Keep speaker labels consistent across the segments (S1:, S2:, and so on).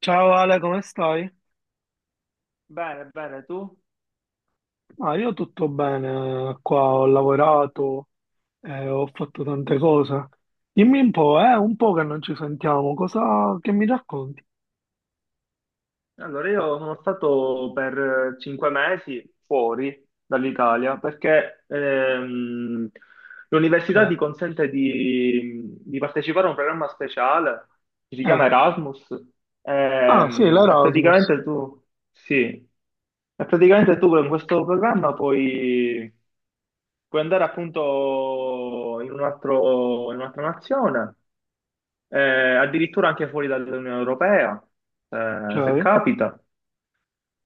S1: Ciao Ale, come stai?
S2: Bene, bene, tu?
S1: Ah, io tutto bene, qua ho lavorato, ho fatto tante cose. Dimmi un po' che non ci sentiamo, cosa che mi racconti?
S2: Allora, io sono stato per 5 mesi fuori dall'Italia perché l'università
S1: Cioè,
S2: ti consente di partecipare a un programma speciale che si
S1: eh.
S2: chiama Erasmus.
S1: Ah sì,
S2: Ehm, E,
S1: l'Erasmus,
S2: praticamente tu, sì, e praticamente tu con questo programma puoi, andare appunto in un altro- in un'altra nazione, addirittura anche fuori dall'Unione Europea, se
S1: ok.
S2: capita.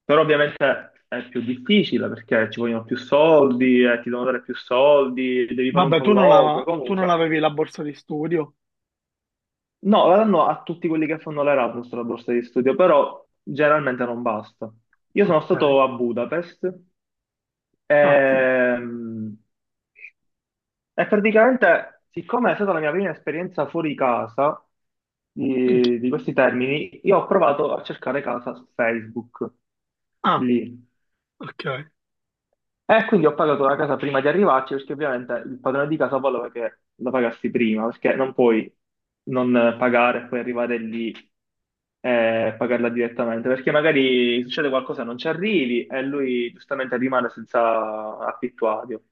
S2: Però ovviamente è più difficile perché ci vogliono più soldi, ti devono dare più soldi, devi fare un
S1: Vabbè,
S2: colloquio,
S1: tu non
S2: comunque.
S1: avevi la borsa di studio?
S2: No, la danno a tutti quelli che fanno l'Erasmus la borsa di studio, però generalmente non basta. Io sono
S1: Ok.
S2: stato a Budapest,
S1: Ah sì.
S2: ehm, e praticamente, siccome è stata la mia prima esperienza fuori casa
S1: Minchia.
S2: di questi termini, io ho provato a cercare casa su Facebook,
S1: Ah,
S2: lì.
S1: ok.
S2: E quindi ho pagato la casa prima di arrivarci, perché ovviamente il padrone di casa voleva che la pagassi prima, perché non puoi non pagare e poi arrivare lì e pagarla direttamente, perché magari succede qualcosa e non ci arrivi e lui giustamente rimane senza affittuario.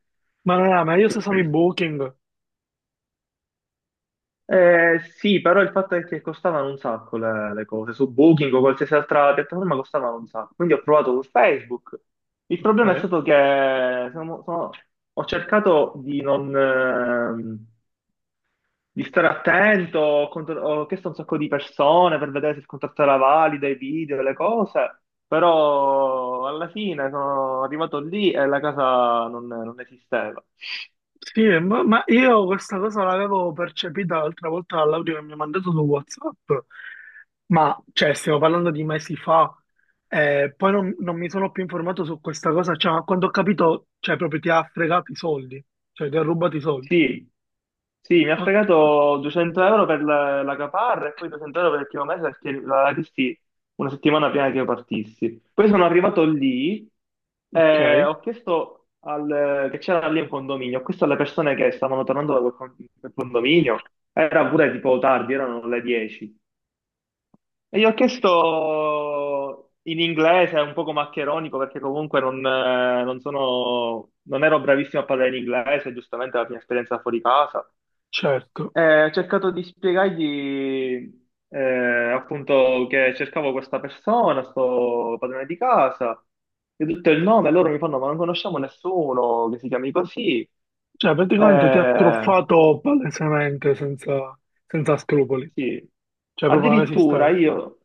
S1: Ma non era meglio se usavi Booking?
S2: Sì, però il fatto è che costavano un sacco le cose, su Booking o qualsiasi altra piattaforma costavano un sacco, quindi ho provato con Facebook. Il
S1: Ok.
S2: problema è stato che ho cercato di non, di stare attento, ho chiesto a un sacco di persone per vedere se il contratto era valido, i video, le cose, però alla fine sono arrivato lì e la casa non esisteva.
S1: Sì, ma io questa cosa l'avevo percepita l'altra volta dall'audio che mi ha mandato su WhatsApp, ma cioè stiamo parlando di mesi fa, poi non, non mi sono più informato su questa cosa, cioè ma quando ho capito, cioè proprio ti ha fregato i soldi, cioè ti ha rubato i soldi.
S2: Sì, sì, mi ha
S1: Ok,
S2: fregato 200 euro per la caparra e poi 200 euro per il primo mese perché la chiesti una settimana prima che io partissi. Poi sono arrivato lì
S1: ok,
S2: e ho chiesto che c'era lì un condominio, ho chiesto alle persone che stavano tornando da quel condominio, era pure tipo tardi, erano le 10. E gli ho chiesto in inglese, un poco maccheronico, perché comunque non ero bravissimo a parlare in inglese, giustamente la mia esperienza fuori casa.
S1: certo,
S2: Ho cercato di spiegargli appunto che cercavo questa persona, sto padrone di casa, gli ho detto il nome, loro mi fanno, ma non conosciamo nessuno che si chiami così.
S1: cioè praticamente ti ha
S2: Eh,
S1: truffato palesemente senza, senza scrupoli,
S2: sì,
S1: cioè proprio non
S2: addirittura
S1: esisteva.
S2: io,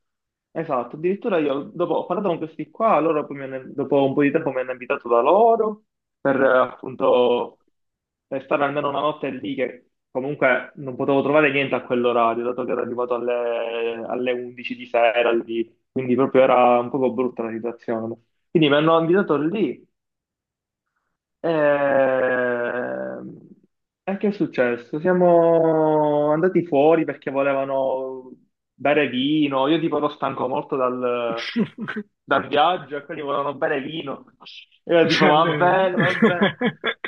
S2: esatto, addirittura io dopo ho parlato con questi qua, loro poi dopo un po' di tempo mi hanno invitato da loro per appunto per stare almeno una notte lì che comunque non potevo trovare niente a quell'orario, dato che ero arrivato alle 11 di sera lì, quindi proprio era un poco brutta la situazione. Quindi mi hanno invitato lì. Ehm, E che è successo? Siamo andati fuori perché volevano bere vino. Io tipo ero stanco molto dal viaggio e quelli volevano bere vino. E io tipo,
S1: Cioè,
S2: va
S1: ne-
S2: bene, va bene.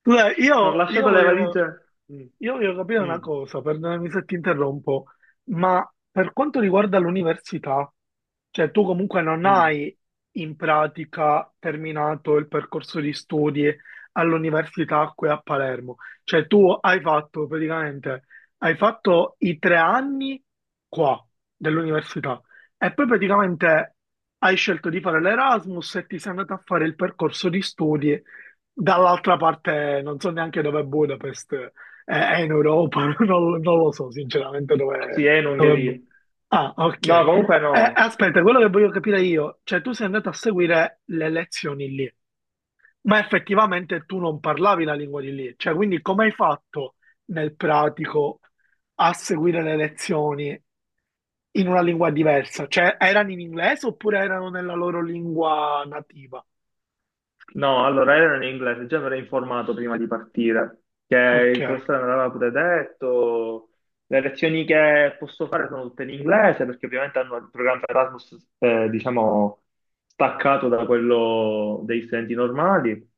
S1: Scusa,
S2: Non ho lasciato le valigie. Mm.
S1: io voglio capire una
S2: Mm.
S1: cosa, perdonami se ti interrompo, ma per quanto riguarda l'università, cioè tu comunque non
S2: Mm.
S1: hai in pratica terminato il percorso di studi all'università qui a Palermo, cioè tu hai fatto praticamente, hai fatto i tre anni qua dell'università e poi praticamente hai scelto di fare l'Erasmus e ti sei andato a fare il percorso di studi dall'altra parte, non so neanche dove è Budapest. È in Europa, non lo so sinceramente dove,
S2: Sì, è in
S1: dove... bu-
S2: Ungheria.
S1: Ah, ok.
S2: No, comunque no.
S1: Aspetta, quello che voglio capire io, cioè tu sei andato a seguire le lezioni lì, ma effettivamente tu non parlavi la lingua di lì, cioè quindi come hai fatto nel pratico a seguire le lezioni in una lingua diversa? Cioè erano in inglese oppure erano nella loro lingua nativa?
S2: No, allora ero in inglese, già mi ero informato prima di partire, che
S1: Ok,
S2: il professore me l'aveva pure detto, le lezioni che posso fare sono tutte in inglese, perché ovviamente hanno il programma Erasmus, diciamo, staccato da quello degli studenti normali.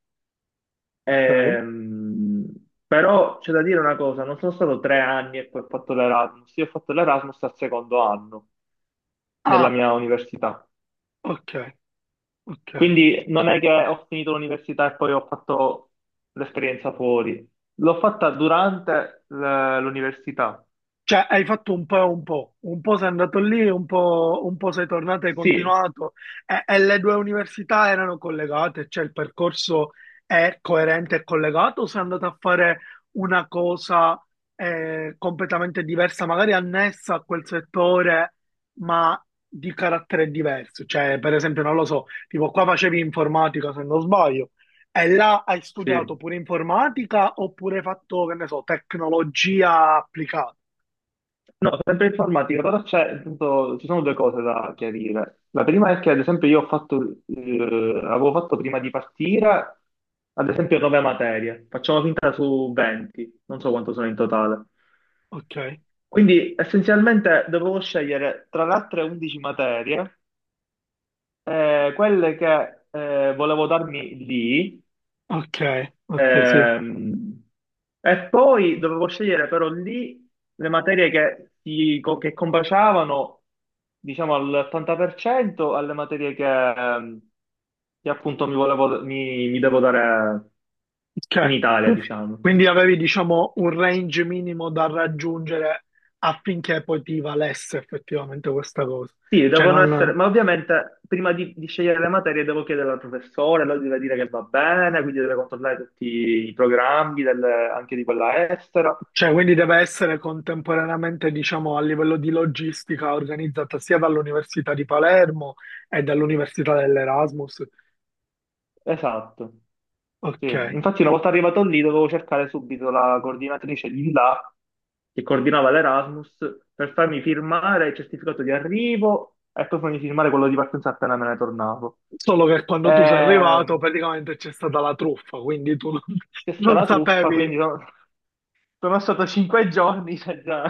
S1: ok.
S2: Ehm, Però c'è da dire una cosa, non sono stato 3 anni e poi ho fatto l'Erasmus, io ho fatto l'Erasmus al secondo anno della
S1: Ah,
S2: mia università.
S1: ok, ok.
S2: Quindi non è che ho finito l'università e poi ho fatto l'esperienza fuori. L'ho fatta durante l'università.
S1: Cioè, hai fatto un po' e un po' sei andato lì, un po' sei tornato e hai
S2: Sì,
S1: continuato. E le due università erano collegate, cioè il percorso è coerente e collegato, o sei andato a fare una cosa completamente diversa, magari annessa a quel settore, ma di carattere diverso. Cioè, per esempio, non lo so, tipo qua facevi informatica, se non sbaglio, e là hai studiato
S2: sì.
S1: pure informatica oppure hai fatto, che ne so, tecnologia applicata.
S2: No, sempre informatica, però c'è, appunto, ci sono due cose da chiarire. La prima è che, ad esempio, io avevo fatto prima di partire, ad esempio, nove materie. Facciamo finta su 20, non so quanto sono in totale.
S1: Ok,
S2: Quindi essenzialmente dovevo scegliere tra le altre 11 materie. Quelle che volevo darmi lì,
S1: ok, ok, sì.
S2: ehm, e poi dovevo scegliere però lì le materie che combaciavano, diciamo, all'80% alle materie ehm, che appunto mi devo dare in
S1: Ok.
S2: Italia,
S1: Tu-
S2: diciamo.
S1: Quindi avevi, diciamo, un range minimo da raggiungere affinché poi ti valesse effettivamente questa cosa.
S2: Sì,
S1: Cioè,
S2: devono essere,
S1: non...
S2: ma ovviamente prima di scegliere le materie devo chiedere al professore, lui deve dire che va bene, quindi deve controllare tutti i programmi anche di quella estera.
S1: cioè, quindi deve essere contemporaneamente, diciamo, a livello di logistica organizzata sia dall'Università di Palermo e dall'Università dell'Erasmus.
S2: Esatto. Sì.
S1: Ok.
S2: Infatti, una volta arrivato lì, dovevo cercare subito la coordinatrice di là che coordinava l'Erasmus per farmi firmare il certificato di arrivo e poi farmi firmare quello di partenza appena me ne tornavo.
S1: Solo che quando tu sei arrivato,
S2: Ehm,
S1: praticamente c'è stata la truffa, quindi tu non,
S2: C'è stata
S1: non
S2: la truffa,
S1: sapevi
S2: quindi no. Sono stato 5 giorni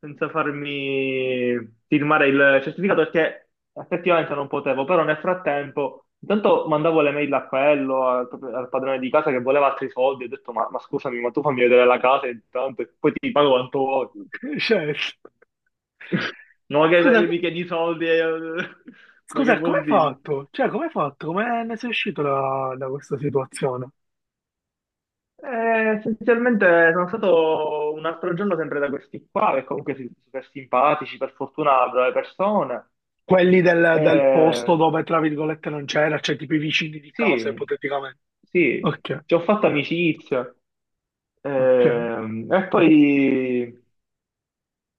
S2: senza farmi firmare il certificato perché effettivamente non potevo, però nel frattempo intanto mandavo le mail a quello, al padrone di casa che voleva altri soldi, ho detto ma, scusami, ma tu fammi vedere la casa intanto e poi ti pago quanto vuoi.
S1: Cioè,
S2: No, che
S1: scusa,
S2: che mi chiedi i soldi, ma che
S1: scusa, come
S2: vuol
S1: hai
S2: dire?
S1: fatto? Cioè, come hai fatto? Come ne sei uscito da, da questa situazione?
S2: Essenzialmente sono stato un altro giorno sempre da questi qua, che comunque sono super simpatici, per fortuna brave persone.
S1: Quelli del, del posto
S2: Eh,
S1: dove, tra virgolette, non c'era, cioè tipo i vicini di casa,
S2: Sì,
S1: ipoteticamente.
S2: sì,
S1: Ok,
S2: ci ho fatto amicizia.
S1: ok,
S2: Ehm, e poi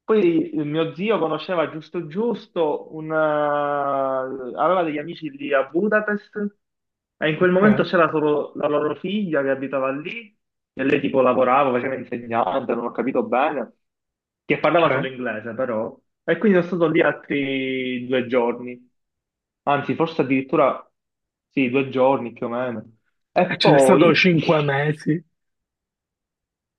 S2: poi il mio zio conosceva giusto giusto, aveva degli amici lì a Budapest e in quel momento
S1: ok,
S2: c'era solo la loro figlia che abitava lì e lei tipo lavorava, faceva insegnante, non ho capito bene, che parlava solo
S1: ok.
S2: inglese però. E quindi sono stato lì altri 2 giorni, anzi forse addirittura sì, 2 giorni più o meno.
S1: E
S2: E
S1: ci sei stato
S2: poi
S1: cinque mesi,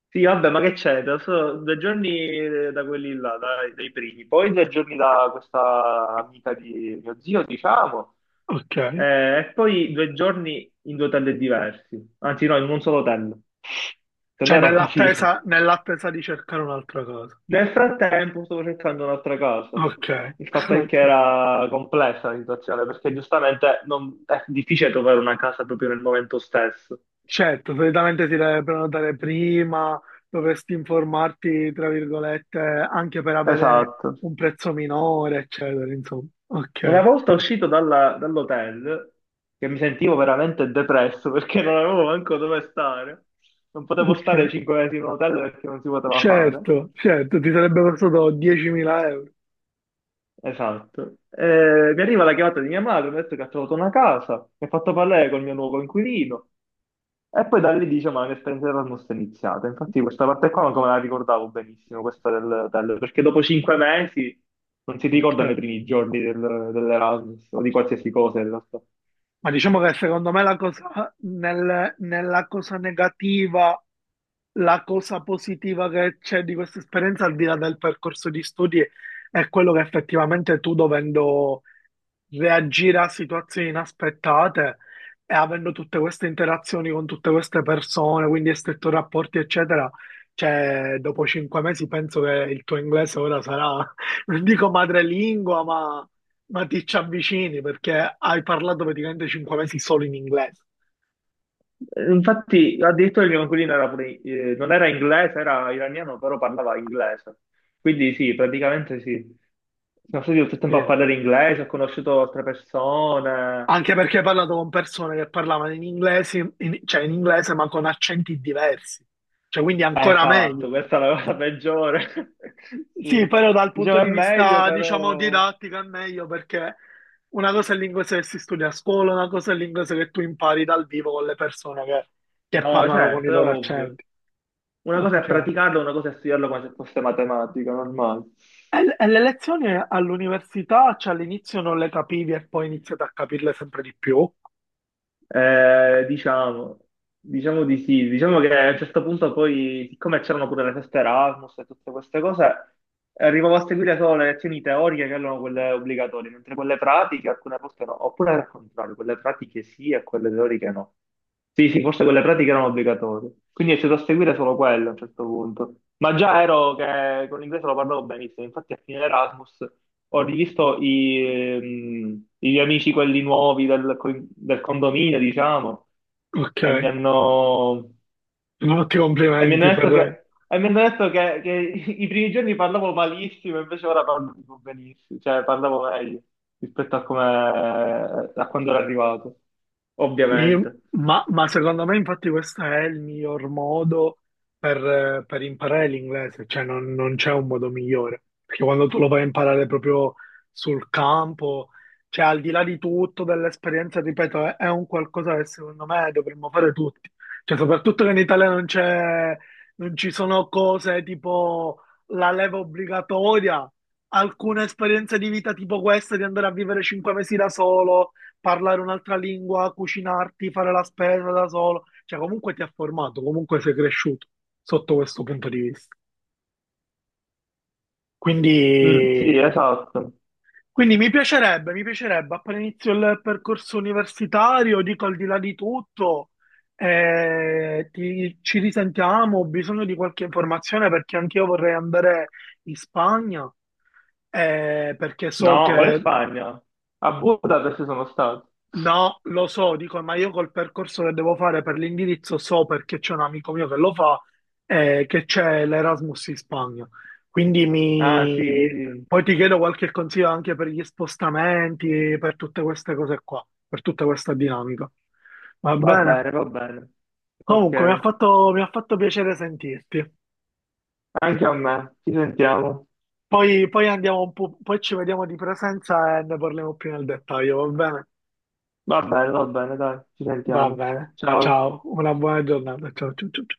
S2: sì, vabbè, ma che c'è? Da 2 giorni da quelli là, dai, dai primi, poi 2 giorni da questa amica di mio zio, diciamo,
S1: ok.
S2: e poi 2 giorni in due hotel diversi, anzi no, in un solo hotel. Se no
S1: Cioè,
S2: era un casino.
S1: nell'attesa di cercare un'altra cosa.
S2: Nel frattempo stavo cercando un'altra casa.
S1: Ok,
S2: Il fatto è
S1: ok.
S2: che era complessa la situazione, perché giustamente è difficile trovare una casa proprio nel momento stesso.
S1: Certo, solitamente ti deve prenotare prima, dovresti informarti, tra virgolette, anche per avere
S2: Esatto.
S1: un prezzo minore, eccetera, insomma.
S2: Una
S1: Ok,
S2: volta uscito dall'hotel, che mi sentivo veramente depresso perché non avevo manco dove stare, non potevo stare
S1: ok.
S2: 5 mesi in un hotel perché non si poteva fare.
S1: Certo, certo, ti sarebbe costato 10.000 euro.
S2: Esatto. Mi arriva la chiamata di mia madre, mi ha detto che ha trovato una casa, mi ha fatto parlare col mio nuovo inquilino e poi da lì dice ma l'esperienza Erasmus è iniziata. Infatti questa parte qua non me la ricordavo benissimo, questa dell'hotel, perché dopo 5 mesi non si
S1: Ok.
S2: ricordano i primi giorni dell'Erasmus o di qualsiasi cosa in realtà.
S1: Ma diciamo che secondo me la cosa, nella cosa negativa, la cosa positiva che c'è di questa esperienza, al di là del percorso di studi, è quello che effettivamente tu dovendo reagire a situazioni inaspettate e avendo tutte queste interazioni con tutte queste persone, quindi stretto rapporti, eccetera. Cioè, dopo cinque mesi penso che il tuo inglese ora sarà, non dico madrelingua, ma ti ci avvicini perché hai parlato praticamente cinque mesi solo in inglese.
S2: Infatti, addirittura il mio coinquilino era pure, non era inglese, era iraniano, però parlava inglese. Quindi sì, praticamente sì. Sono stato tutto il
S1: Sì.
S2: tempo a parlare inglese, ho conosciuto altre persone.
S1: Anche perché hai parlato con persone che parlavano in inglese, cioè in inglese, ma con accenti diversi. Cioè, quindi ancora meglio.
S2: Esatto, questa è la cosa peggiore.
S1: Sì,
S2: Sì.
S1: però dal
S2: Dicevo
S1: punto
S2: è
S1: di
S2: meglio,
S1: vista, diciamo,
S2: però...
S1: didattico è meglio perché una cosa è l'inglese che si studia a scuola, una cosa è l'inglese che tu impari dal vivo con le persone che
S2: No,
S1: parlano con i
S2: certo, è
S1: loro
S2: ovvio.
S1: accenti.
S2: Una cosa è
S1: Ok.
S2: praticarlo, una cosa è studiarlo come se fosse matematica, normale.
S1: E le lezioni all'università, cioè all'inizio non le capivi e poi iniziate a capirle sempre di più.
S2: Eh, diciamo, diciamo di sì, diciamo che a un certo punto poi, siccome c'erano pure le feste Erasmus e tutte queste cose, arrivavo a seguire solo le lezioni teoriche che erano quelle obbligatorie, mentre quelle pratiche alcune volte no, oppure al contrario, quelle pratiche sì e quelle teoriche no. Sì, sì, forse quelle pratiche erano obbligatorie, quindi è stato a seguire solo quello a un certo punto. Ma già ero che con l'inglese lo parlavo benissimo, infatti a fine Erasmus ho rivisto i miei amici, quelli nuovi del condominio, diciamo,
S1: Ok.
S2: e mi hanno,
S1: Molti complimenti per,
S2: e mi hanno detto che i primi giorni parlavo malissimo, invece ora parlo tipo benissimo, cioè parlavo meglio rispetto a quando ero arrivato,
S1: Sì,
S2: ovviamente.
S1: ma secondo me infatti questo è il miglior modo per imparare l'inglese, cioè non c'è un modo migliore, perché quando tu lo vai a imparare proprio sul campo, cioè al di là di tutto, dell'esperienza, ripeto, è un qualcosa che secondo me dovremmo fare tutti, cioè soprattutto che in Italia non c'è, non ci sono cose tipo la leva obbligatoria, alcune esperienze di vita tipo questa di andare a vivere cinque mesi da solo parlare un'altra lingua, cucinarti, fare la spesa da solo, cioè comunque ti ha formato, comunque sei cresciuto sotto questo punto di vista.
S2: Mm,
S1: Quindi,
S2: sì, esatto.
S1: quindi mi piacerebbe appena inizio il percorso universitario, dico al di là di tutto, ti- ci risentiamo, ho bisogno di qualche informazione perché anch'io vorrei andare in Spagna perché so
S2: No, qual è
S1: che
S2: Spagna? A Budapest sono stato.
S1: No, lo so, dico, ma io col percorso che devo fare per l'indirizzo so perché c'è un amico mio che lo fa e che c'è l'Erasmus in Spagna. Quindi
S2: Ah, sì,
S1: mi...
S2: sì.
S1: poi ti chiedo qualche consiglio anche per gli spostamenti, per tutte queste cose qua, per tutta questa dinamica. Va
S2: Va
S1: bene.
S2: bene, va bene. Ok.
S1: Comunque, mi ha fatto piacere sentirti.
S2: Anche a me, ci sentiamo.
S1: Poi, poi andiamo un po', poi ci vediamo di presenza e ne parliamo più nel dettaglio, va bene?
S2: Va bene, dai, ci
S1: Va
S2: sentiamo.
S1: bene.
S2: Ciao,
S1: Ciao, una buona giornata. Ciao, ciao, ciao. Ciao.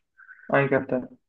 S2: anche a te.